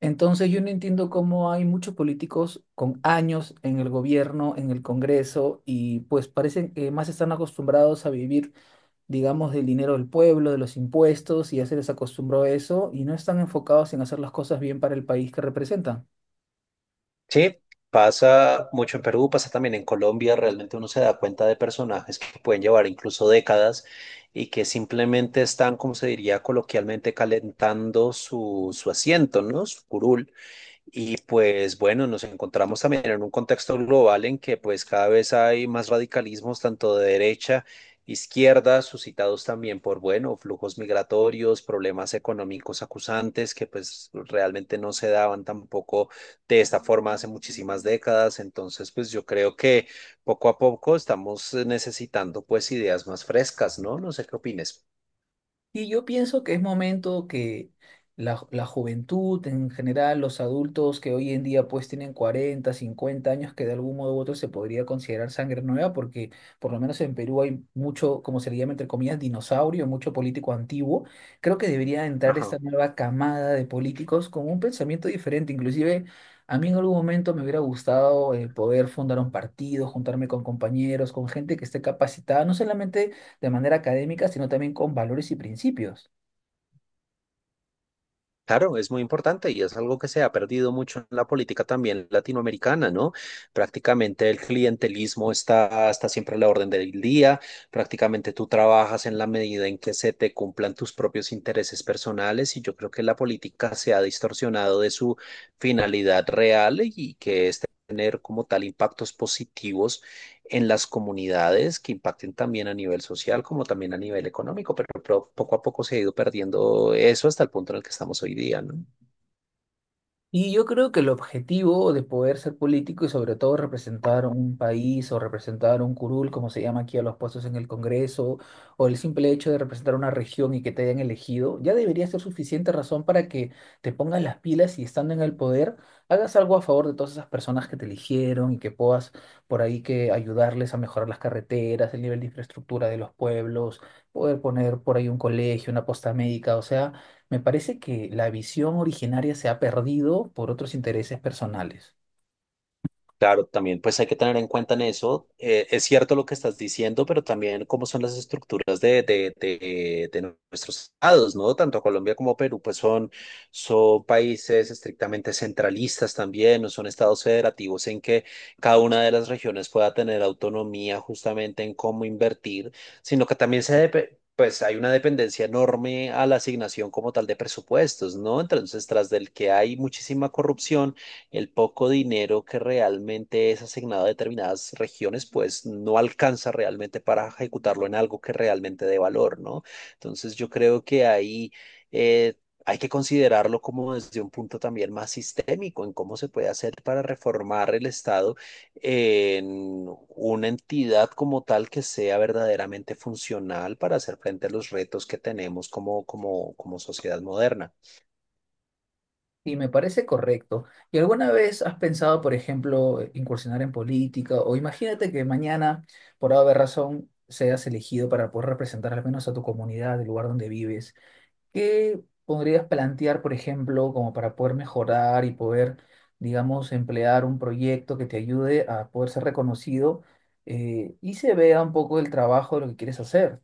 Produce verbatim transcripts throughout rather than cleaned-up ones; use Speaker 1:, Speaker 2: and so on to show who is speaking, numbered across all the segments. Speaker 1: Entonces yo no entiendo cómo hay muchos políticos con años en el gobierno, en el Congreso, y pues parecen que más están acostumbrados a vivir, digamos, del dinero del pueblo, de los impuestos, y ya se les acostumbró a eso, y no están enfocados en hacer las cosas bien para el país que representan.
Speaker 2: Sí, pasa mucho en Perú, pasa también en Colombia, realmente uno se da cuenta de personajes que pueden llevar incluso décadas y que simplemente están, como se diría coloquialmente, calentando su, su asiento, ¿no? Su curul. Y pues bueno, nos encontramos también en un contexto global en que pues cada vez hay más radicalismos tanto de derecha, izquierda, suscitados también por, bueno, flujos migratorios, problemas económicos acusantes que pues realmente no se daban tampoco de esta forma hace muchísimas décadas. Entonces pues yo creo que poco a poco estamos necesitando pues ideas más frescas, ¿no? No sé qué opines.
Speaker 1: Y yo pienso que es momento que la, ju- la juventud en general, los adultos que hoy en día pues tienen cuarenta cincuenta años, que de algún modo u otro se podría considerar sangre nueva, porque por lo menos en Perú hay mucho, como se le llama entre comillas, dinosaurio, mucho político antiguo. Creo que debería entrar esta
Speaker 2: Ajá.
Speaker 1: nueva camada de políticos con un pensamiento diferente. Inclusive a mí en algún momento me hubiera gustado eh, poder fundar un partido, juntarme con compañeros, con gente que esté capacitada, no solamente de manera académica, sino también con valores y principios.
Speaker 2: Claro, es muy importante y es algo que se ha perdido mucho en la política también latinoamericana, ¿no? Prácticamente el clientelismo está, está siempre a la orden del día, prácticamente tú trabajas en la medida en que se te cumplan tus propios intereses personales y yo creo que la política se ha distorsionado de su finalidad real y que es tener como tal impactos positivos en las comunidades que impacten también a nivel social como también a nivel económico, pero, pero poco a poco se ha ido perdiendo eso hasta el punto en el que estamos hoy día, ¿no?
Speaker 1: Y yo creo que el objetivo de poder ser político y sobre todo representar un país o representar un curul, como se llama aquí a los puestos en el Congreso, o el simple hecho de representar una región y que te hayan elegido, ya debería ser suficiente razón para que te pongas las pilas y estando en el poder, hagas algo a favor de todas esas personas que te eligieron y que puedas por ahí que ayudarles a mejorar las carreteras, el nivel de infraestructura de los pueblos, poder poner por ahí un colegio, una posta médica, o sea. Me parece que la visión originaria se ha perdido por otros intereses personales.
Speaker 2: Claro, también pues hay que tener en cuenta en eso. Eh, es cierto lo que estás diciendo, pero también cómo son las estructuras de, de, de, de nuestros estados, ¿no? Tanto Colombia como Perú, pues son, son países estrictamente centralistas también, no son estados federativos en que cada una de las regiones pueda tener autonomía justamente en cómo invertir, sino que también se depe- pues hay una dependencia enorme a la asignación como tal de presupuestos, ¿no? Entonces, tras del que hay muchísima corrupción, el poco dinero que realmente es asignado a determinadas regiones, pues no alcanza realmente para ejecutarlo en algo que realmente dé valor, ¿no? Entonces yo creo que ahí… eh, hay que considerarlo como desde un punto también más sistémico en cómo se puede hacer para reformar el Estado en una entidad como tal que sea verdaderamente funcional para hacer frente a los retos que tenemos como, como, como sociedad moderna.
Speaker 1: Y me parece correcto. ¿Y alguna vez has pensado, por ejemplo, incursionar en política? O imagínate que mañana, por haber razón, seas elegido para poder representar al menos a tu comunidad, el lugar donde vives. ¿Qué podrías plantear, por ejemplo, como para poder mejorar y poder, digamos, emplear un proyecto que te ayude a poder ser reconocido, eh, y se vea un poco el trabajo de lo que quieres hacer?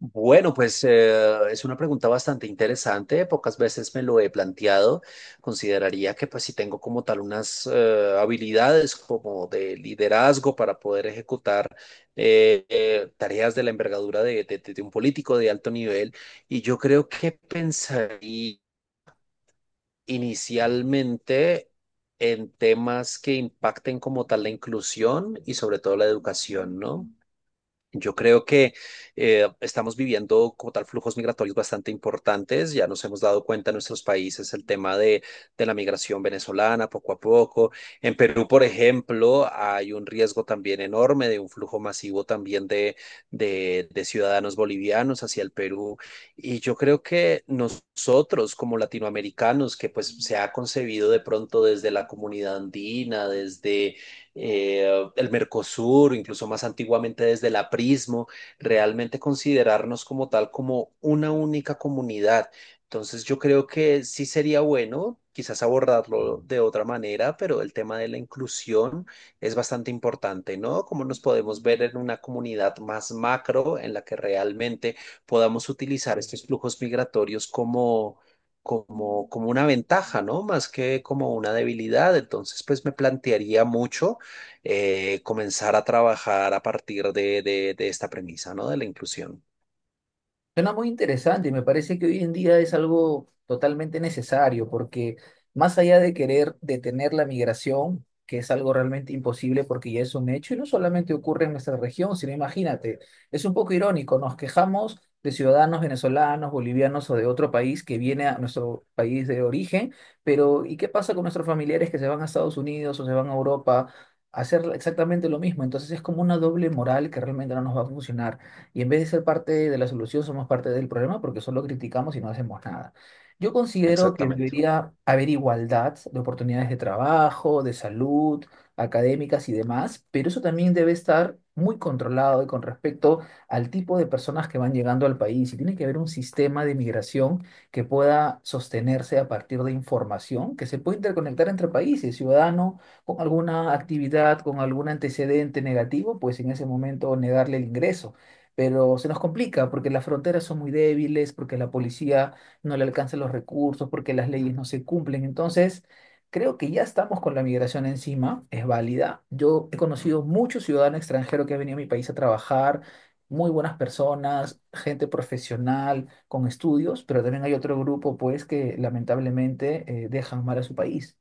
Speaker 2: Bueno, pues eh, es una pregunta bastante interesante. Pocas veces me lo he planteado. Consideraría que pues si tengo como tal unas eh, habilidades como de liderazgo para poder ejecutar eh, eh, tareas de la envergadura de, de- de- de un político de alto nivel. Y yo creo que pensaría inicialmente en temas que impacten como tal la inclusión y sobre todo la educación, ¿no? Yo creo que eh, estamos viviendo como tal flujos migratorios bastante importantes. Ya nos hemos dado cuenta en nuestros países el tema de, de la migración venezolana poco a poco. En Perú, por ejemplo, hay un riesgo también enorme de un flujo masivo también de, de, de ciudadanos bolivianos hacia el Perú. Y yo creo que nosotros como latinoamericanos, que pues se ha concebido de pronto desde la comunidad andina, desde eh, el Mercosur, incluso más antiguamente desde el aprismo, realmente considerarnos como tal, como una única comunidad. Entonces yo creo que sí sería bueno quizás abordarlo de otra manera, pero el tema de la inclusión es bastante importante, ¿no? Cómo nos podemos ver en una comunidad más macro en la que realmente podamos utilizar estos flujos migratorios como, como, como una ventaja, ¿no? Más que como una debilidad. Entonces, pues me plantearía mucho eh, comenzar a trabajar a partir de, de, de esta premisa, ¿no? De la inclusión.
Speaker 1: Suena muy interesante y me parece que hoy en día es algo totalmente necesario porque más allá de querer detener la migración, que es algo realmente imposible porque ya es un hecho y no solamente ocurre en nuestra región, sino imagínate, es un poco irónico, nos quejamos de ciudadanos venezolanos, bolivianos o de otro país que viene a nuestro país de origen, pero ¿y qué pasa con nuestros familiares que se van a Estados Unidos o se van a Europa a hacer exactamente lo mismo? Entonces es como una doble moral que realmente no nos va a funcionar. Y en vez de ser parte de la solución, somos parte del problema porque solo criticamos y no hacemos nada. Yo considero que
Speaker 2: Exactamente.
Speaker 1: debería haber igualdad de oportunidades de trabajo, de salud, académicas y demás, pero eso también debe estar muy controlado y con respecto al tipo de personas que van llegando al país. Y tiene que haber un sistema de migración que pueda sostenerse a partir de información que se puede interconectar entre países. Ciudadano con alguna actividad, con algún antecedente negativo, pues en ese momento negarle el ingreso, pero se nos complica porque las fronteras son muy débiles, porque la policía no le alcanza los recursos, porque las leyes no se cumplen. Entonces, creo que ya estamos con la migración encima, es válida. Yo he conocido muchos ciudadanos extranjeros que han venido a mi país a trabajar, muy buenas personas, gente profesional, con estudios, pero también hay otro grupo, pues, que lamentablemente eh, dejan mal a su país.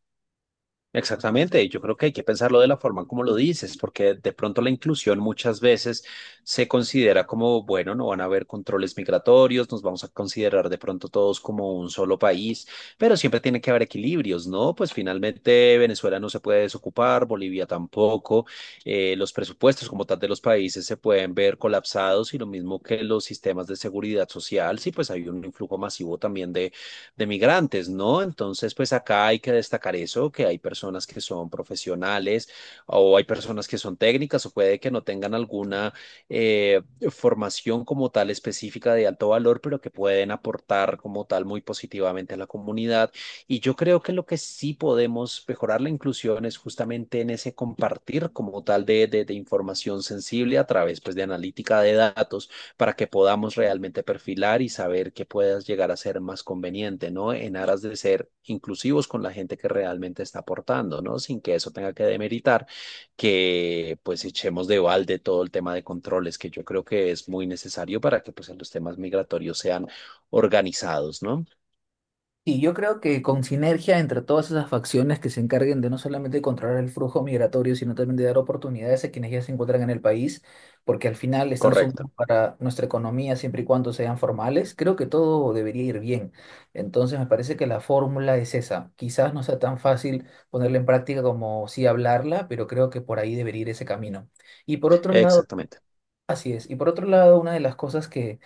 Speaker 2: Exactamente, y yo creo que hay que pensarlo de la forma como lo dices, porque de pronto la inclusión muchas veces se considera como, bueno, no van a haber controles migratorios, nos vamos a considerar de pronto todos como un solo país, pero siempre tiene que haber equilibrios, ¿no? Pues finalmente Venezuela no se puede desocupar, Bolivia tampoco, eh, los presupuestos como tal de los países se pueden ver colapsados y lo mismo que los sistemas de seguridad social, sí, pues hay un influjo masivo también de migrantes, ¿no? Entonces, pues acá hay que destacar eso, que hay personas que son profesionales o hay personas que son técnicas o puede que no tengan alguna eh, formación como tal específica de alto valor, pero que pueden aportar como tal muy positivamente a la comunidad. Y yo creo que lo que sí podemos mejorar la inclusión es justamente en ese compartir como tal de, de, de información sensible a través pues de analítica de datos para que podamos realmente perfilar y saber qué puedas llegar a ser más conveniente, ¿no? En aras de ser inclusivos con la gente que realmente está aportando, ¿no? Sin que eso tenga que demeritar que pues echemos de balde todo el tema de controles, que yo creo que es muy necesario para que pues los temas migratorios sean organizados, ¿no?
Speaker 1: Sí, yo creo que con sinergia entre todas esas facciones que se encarguen de no solamente controlar el flujo migratorio, sino también de dar oportunidades a quienes ya se encuentran en el país, porque al final están sumando
Speaker 2: Correcto,
Speaker 1: para nuestra economía siempre y cuando sean formales, creo que todo debería ir bien. Entonces me parece que la fórmula es esa. Quizás no sea tan fácil ponerla en práctica como sí hablarla, pero creo que por ahí debería ir ese camino. Y por otro lado,
Speaker 2: exactamente.
Speaker 1: así es. Y por otro lado, una de las cosas que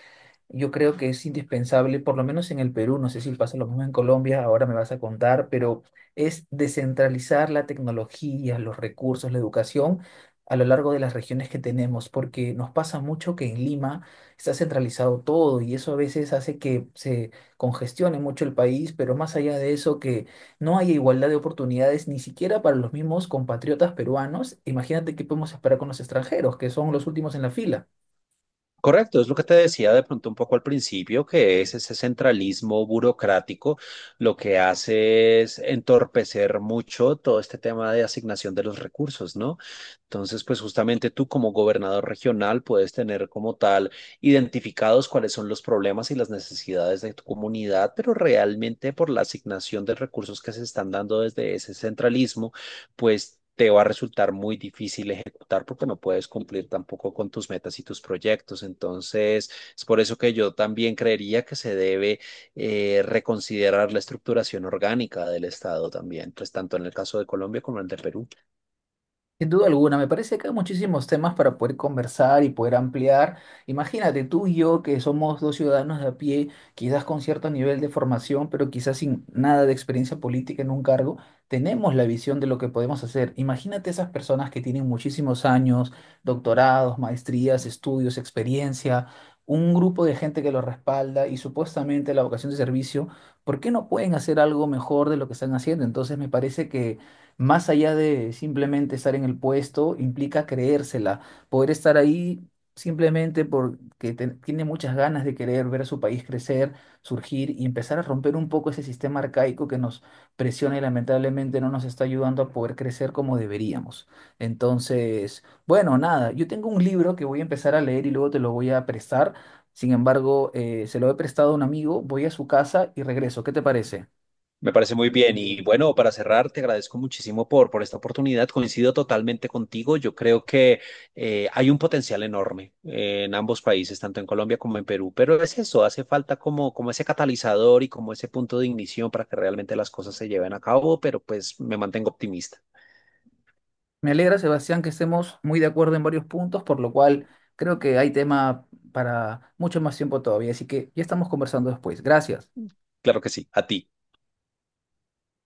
Speaker 1: yo creo que es indispensable, por lo menos en el Perú, no sé si pasa lo mismo en Colombia, ahora me vas a contar, pero es descentralizar la tecnología, los recursos, la educación a lo largo de las regiones que tenemos, porque nos pasa mucho que en Lima está centralizado todo y eso a veces hace que se congestione mucho el país, pero más allá de eso, que no haya igualdad de oportunidades ni siquiera para los mismos compatriotas peruanos, imagínate qué podemos esperar con los extranjeros, que son los últimos en la fila.
Speaker 2: Correcto, es lo que te decía de pronto un poco al principio, que es ese centralismo burocrático, lo que hace es entorpecer mucho todo este tema de asignación de los recursos, ¿no? Entonces, pues justamente tú como gobernador regional puedes tener como tal identificados cuáles son los problemas y las necesidades de tu comunidad, pero realmente por la asignación de recursos que se están dando desde ese centralismo, pues… te va a resultar muy difícil ejecutar porque no puedes cumplir tampoco con tus metas y tus proyectos. Entonces, es por eso que yo también creería que se debe eh, reconsiderar la estructuración orgánica del Estado también, pues tanto en el caso de Colombia como en el de Perú.
Speaker 1: Sin duda alguna, me parece que hay muchísimos temas para poder conversar y poder ampliar. Imagínate tú y yo que somos dos ciudadanos de a pie, quizás con cierto nivel de formación, pero quizás sin nada de experiencia política en un cargo, tenemos la visión de lo que podemos hacer. Imagínate esas personas que tienen muchísimos años, doctorados, maestrías, estudios, experiencia, un grupo de gente que lo respalda y supuestamente la vocación de servicio, ¿por qué no pueden hacer algo mejor de lo que están haciendo? Entonces me parece que más allá de simplemente estar en el puesto, implica creérsela, poder estar ahí simplemente porque te- tiene muchas ganas de querer ver a su país crecer, surgir y empezar a romper un poco ese sistema arcaico que nos presiona y lamentablemente no nos está ayudando a poder crecer como deberíamos. Entonces, bueno, nada, yo tengo un libro que voy a empezar a leer y luego te lo voy a prestar. Sin embargo, eh, se lo he prestado a un amigo, voy a su casa y regreso. ¿Qué te parece?
Speaker 2: Me parece muy bien. Y bueno, para cerrar, te agradezco muchísimo por, por esta oportunidad. Coincido totalmente contigo. Yo creo que eh, hay un potencial enorme eh, en ambos países, tanto en Colombia como en Perú. Pero es eso, hace falta como, como ese catalizador y como ese punto de ignición para que realmente las cosas se lleven a cabo. Pero pues me mantengo optimista.
Speaker 1: Me alegra, Sebastián, que estemos muy de acuerdo en varios puntos, por lo cual creo que hay tema para mucho más tiempo todavía. Así que ya estamos conversando después. Gracias.
Speaker 2: Claro que sí, a ti.